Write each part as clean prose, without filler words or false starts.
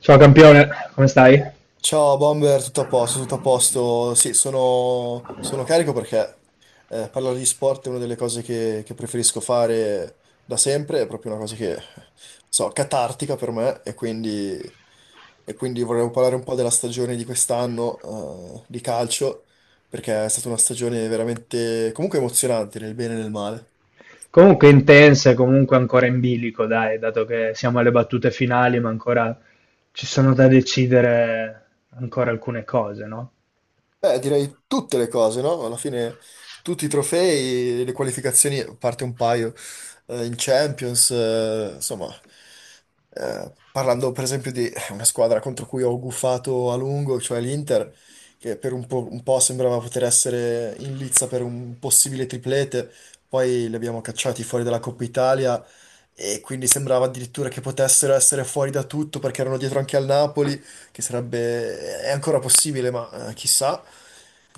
Ciao campione, come stai? Ciao Bomber, tutto a posto, tutto a posto. Sì, sono carico perché parlare di sport è una delle cose che preferisco fare da sempre, è proprio una cosa che, so, catartica per me e quindi vorrei parlare un po' della stagione di quest'anno di calcio, perché è stata una stagione veramente comunque emozionante nel bene e nel male. Comunque intense, comunque ancora in bilico, dai, dato che siamo alle battute finali, ma ancora ci sono da decidere ancora alcune cose, no? Beh, direi tutte le cose, no? Alla fine tutti i trofei, le qualificazioni, a parte un paio, in Champions, insomma, parlando per esempio di una squadra contro cui ho gufato a lungo, cioè l'Inter, che per un po' sembrava poter essere in lizza per un possibile triplete, poi li abbiamo cacciati fuori dalla Coppa Italia e quindi sembrava addirittura che potessero essere fuori da tutto perché erano dietro anche al Napoli che sarebbe, è ancora possibile, ma chissà.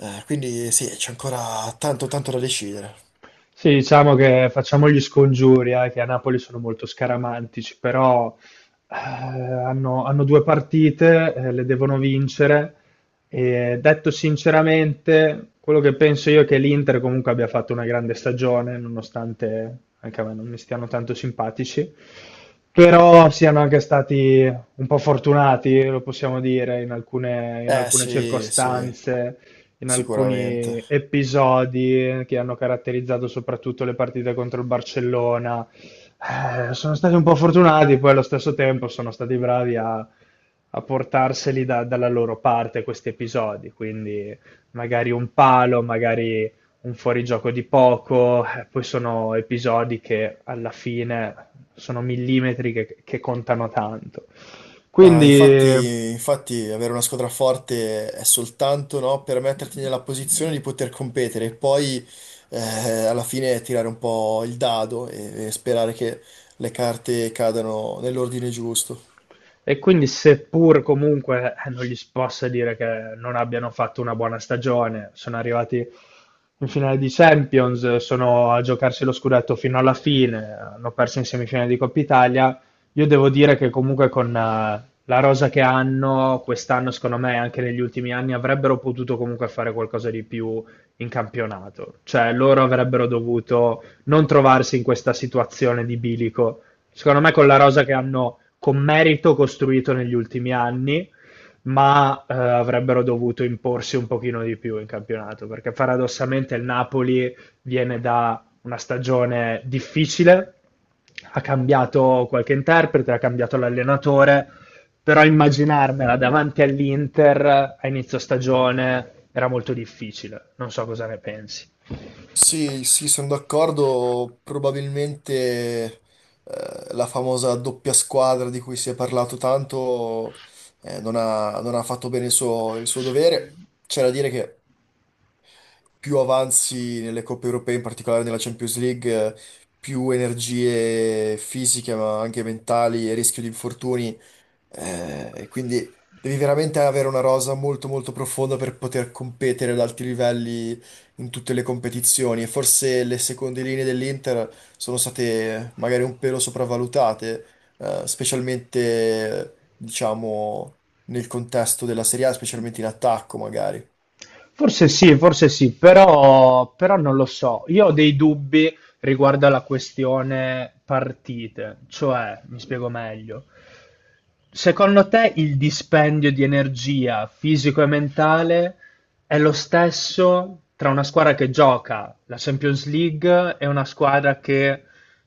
Quindi sì, c'è ancora tanto da decidere. Sì, diciamo che facciamo gli scongiuri, che a Napoli sono molto scaramantici, però hanno, hanno due partite, le devono vincere. E detto sinceramente, quello che penso io è che l'Inter comunque abbia fatto una grande stagione, nonostante anche a me non mi stiano tanto simpatici, però siano anche stati un po' fortunati, lo possiamo dire, in alcune, in Eh alcune sì, sì, circostanze in sicuramente. alcuni episodi che hanno caratterizzato soprattutto le partite contro il Barcellona. Sono stati un po' fortunati, poi allo stesso tempo sono stati bravi a portarseli dalla loro parte questi episodi, quindi magari un palo, magari un fuorigioco di poco, poi sono episodi che alla fine sono millimetri che contano tanto. Ah, Quindi infatti avere una squadra forte è soltanto, no, per metterti nella posizione di poter competere e poi eh, alla fine tirare un po' il dado e sperare che le carte cadano nell'ordine giusto. e quindi, seppur comunque non gli si possa dire che non abbiano fatto una buona stagione, sono arrivati in finale di Champions, sono a giocarsi lo scudetto fino alla fine, hanno perso in semifinale di Coppa Italia. Io devo dire che comunque con la rosa che hanno quest'anno, secondo me, anche negli ultimi anni, avrebbero potuto comunque fare qualcosa di più in campionato. Cioè, loro avrebbero dovuto non trovarsi in questa situazione di bilico secondo me con la rosa che hanno con merito costruito negli ultimi anni, ma avrebbero dovuto imporsi un pochino di più in campionato, perché paradossalmente il Napoli viene da una stagione difficile, ha cambiato qualche interprete, ha cambiato l'allenatore, però immaginarmela davanti all'Inter a inizio stagione era molto difficile. Non so cosa ne pensi. Sì, sì, sono d'accordo. Probabilmente la famosa doppia squadra di cui si è parlato tanto non ha fatto bene il suo dovere. C'è da dire che più avanzi nelle coppe europee, in particolare nella Champions League, più energie fisiche, ma anche mentali e rischio di infortuni e quindi devi veramente avere una rosa molto molto profonda per poter competere ad alti livelli in tutte le competizioni. E forse le seconde linee dell'Inter sono state magari un pelo sopravvalutate, specialmente diciamo nel contesto della Serie A, specialmente in attacco magari. Forse sì, però, però non lo so. Io ho dei dubbi riguardo alla questione partite, cioè, mi spiego meglio. Secondo te il dispendio di energia fisico e mentale è lo stesso tra una squadra che gioca la Champions League e una squadra che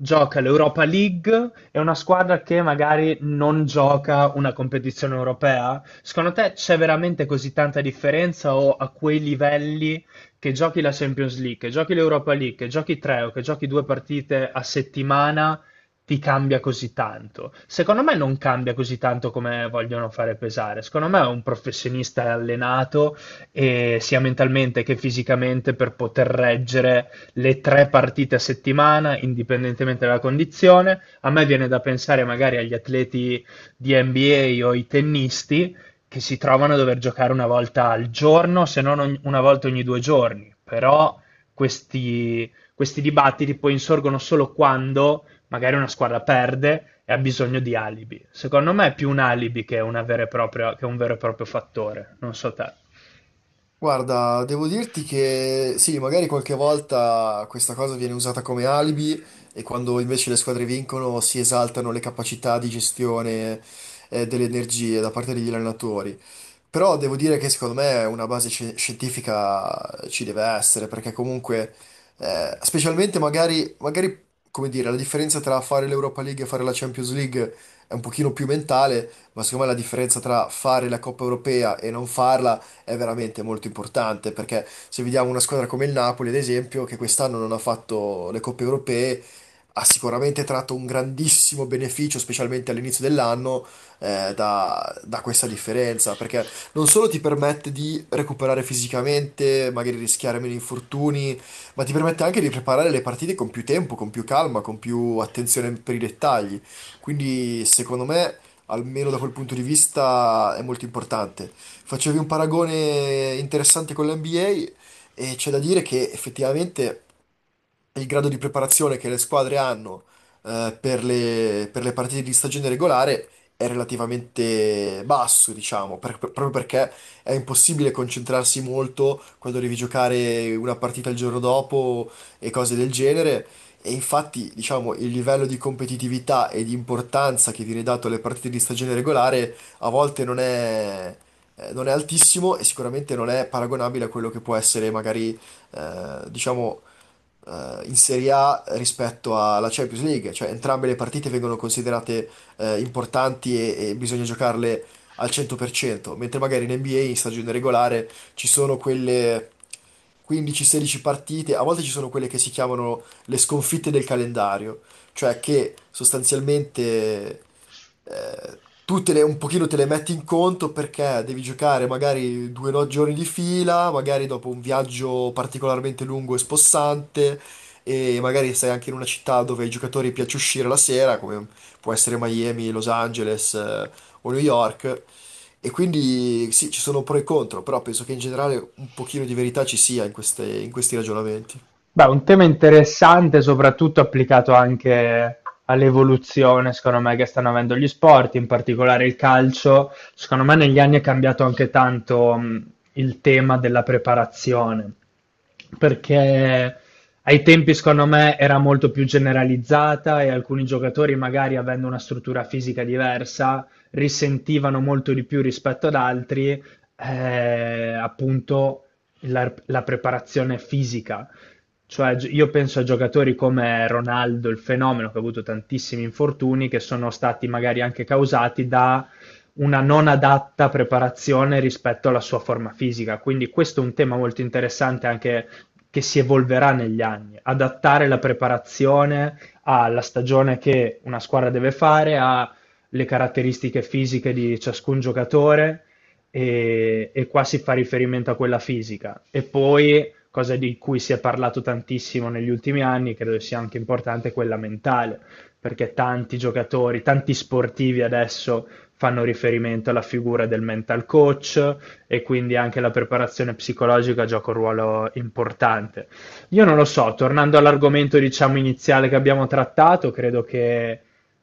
gioca l'Europa League, è una squadra che magari non gioca una competizione europea. Secondo te c'è veramente così tanta differenza o a quei livelli che giochi la Champions League, che giochi l'Europa League, che giochi tre o che giochi due partite a settimana, ti cambia così tanto? Secondo me non cambia così tanto come vogliono fare pesare. Secondo me è un professionista è allenato e sia mentalmente che fisicamente per poter reggere le tre partite a settimana, indipendentemente dalla condizione. A me viene da pensare magari agli atleti di NBA o ai tennisti che si trovano a dover giocare una volta al giorno, se non una volta ogni due giorni. Però questi dibattiti poi insorgono solo quando magari una squadra perde e ha bisogno di alibi. Secondo me è più un alibi che, una vera e propria- che un vero e proprio fattore. Non so te. Guarda, devo dirti che sì, magari qualche volta questa cosa viene usata come alibi e quando invece le squadre vincono si esaltano le capacità di gestione delle energie da parte degli allenatori. Però devo dire che secondo me una base scientifica ci deve essere, perché comunque, specialmente magari, come dire, la differenza tra fare l'Europa League e fare la Champions League è un pochino più mentale, ma secondo me la differenza tra fare la Coppa Europea e non farla è veramente molto importante, perché se vediamo una squadra come il Napoli, ad esempio, che quest'anno non ha fatto le Coppe Europee, ha sicuramente tratto un grandissimo beneficio, specialmente all'inizio dell'anno da questa differenza, perché non solo ti permette di recuperare fisicamente, magari rischiare meno infortuni, ma ti permette anche di preparare le partite con più tempo, con più calma, con più attenzione per i dettagli. Quindi, secondo me, almeno da quel punto di vista, è molto importante. Facevi un paragone interessante con l'NBA e c'è da dire che effettivamente il grado di preparazione che le squadre hanno per per le partite di stagione regolare è relativamente basso, diciamo, proprio perché è impossibile concentrarsi molto quando devi giocare una partita il giorno dopo e cose del genere. E infatti, diciamo, il livello di competitività e di importanza che viene dato alle partite di stagione regolare a volte non è altissimo e sicuramente non è paragonabile a quello che può essere magari diciamo, in Serie A rispetto alla Champions League, cioè entrambe le partite vengono considerate importanti e bisogna giocarle al 100%, mentre magari in NBA in stagione regolare ci sono quelle 15-16 partite, a volte ci sono quelle che si chiamano le sconfitte del calendario, cioè che sostanzialmente eh, tu un pochino te le metti in conto perché devi giocare magari due no- giorni di fila, magari dopo un viaggio particolarmente lungo e spossante, e magari sei anche in una città dove ai giocatori piace uscire la sera, come può essere Miami, Los Angeles, o New York. E quindi sì, ci sono pro e contro, però penso che in generale un pochino di verità ci sia in in questi ragionamenti. Beh, un tema interessante, soprattutto applicato anche all'evoluzione, secondo me, che stanno avendo gli sport, in particolare il calcio. Secondo me negli anni è cambiato anche tanto, il tema della preparazione, perché ai tempi, secondo me, era molto più generalizzata e alcuni giocatori, magari avendo una struttura fisica diversa, risentivano molto di più rispetto ad altri, appunto la preparazione fisica. Cioè, io penso a giocatori come Ronaldo, il fenomeno, che ha avuto tantissimi infortuni, che sono stati magari anche causati da una non adatta preparazione rispetto alla sua forma fisica. Quindi questo è un tema molto interessante anche che si evolverà negli anni. Adattare la preparazione alla stagione che una squadra deve fare, alle caratteristiche fisiche di ciascun giocatore e qua si fa riferimento a quella fisica. E poi cosa di cui si è parlato tantissimo negli ultimi anni, credo sia anche importante quella mentale, perché tanti giocatori, tanti sportivi adesso fanno riferimento alla figura del mental coach e quindi anche la preparazione psicologica gioca un ruolo importante. Io non lo so, tornando all'argomento diciamo iniziale che abbiamo trattato, credo che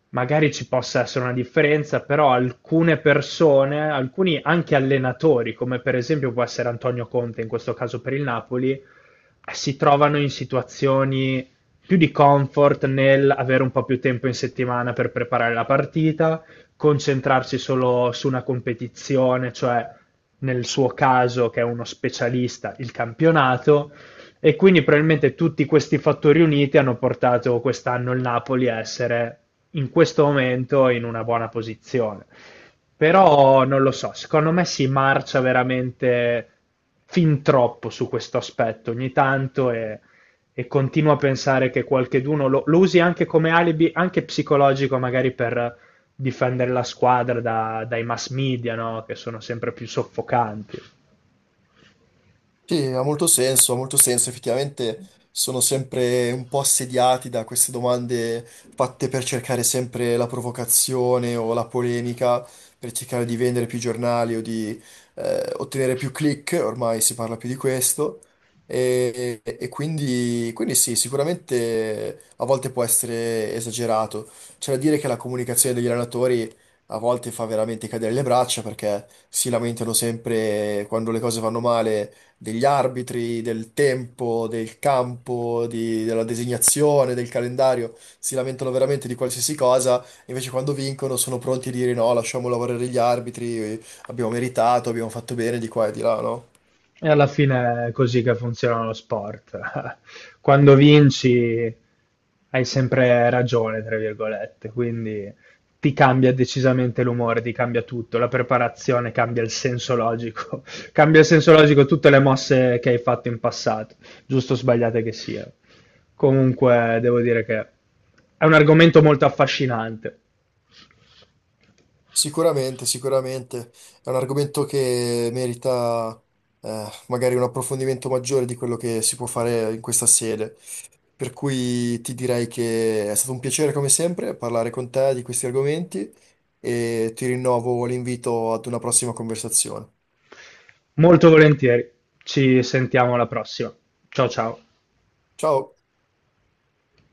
magari ci possa essere una differenza, però alcune persone, alcuni anche allenatori, come per esempio può essere Antonio Conte in questo caso per il Napoli, si trovano in situazioni più di comfort nel avere un po' più tempo in settimana per preparare la partita, concentrarsi solo su una competizione, cioè nel suo caso che è uno specialista, il campionato, e quindi probabilmente tutti questi fattori uniti hanno portato quest'anno il Napoli a essere in questo momento in una buona posizione. Però non lo so, secondo me si marcia veramente fin troppo su questo aspetto ogni tanto e continuo a pensare che qualcheduno lo usi anche come alibi, anche psicologico, magari per difendere la squadra dai mass media, no? Che sono sempre più soffocanti. Sì, ha molto senso, ha molto senso. Effettivamente sono sempre un po' assediati da queste domande fatte per cercare sempre la provocazione o la polemica, per cercare di vendere più giornali o di ottenere più click, ormai si parla più di questo. Quindi sì, sicuramente a volte può essere esagerato. C'è da dire che la comunicazione degli allenatori a volte fa veramente cadere le braccia perché si lamentano sempre quando le cose vanno male degli arbitri, del tempo, del campo, della designazione, del calendario, si lamentano veramente di qualsiasi cosa, invece quando vincono sono pronti a dire no, lasciamo lavorare gli arbitri, abbiamo meritato, abbiamo fatto bene di qua e di là, no? E alla fine è così che funziona lo sport. Quando vinci hai sempre ragione, tra virgolette, quindi ti cambia decisamente l'umore, ti cambia tutto, la preparazione cambia il senso logico, cambia il senso logico tutte le mosse che hai fatto in passato, giusto o sbagliate che siano. Comunque devo dire che è un argomento molto affascinante. Sicuramente, sicuramente è un argomento che merita magari un approfondimento maggiore di quello che si può fare in questa sede. Per cui ti direi che è stato un piacere come sempre parlare con te di questi argomenti e ti rinnovo l'invito ad una prossima conversazione. Molto volentieri. Ci sentiamo alla prossima. Ciao ciao. Ciao!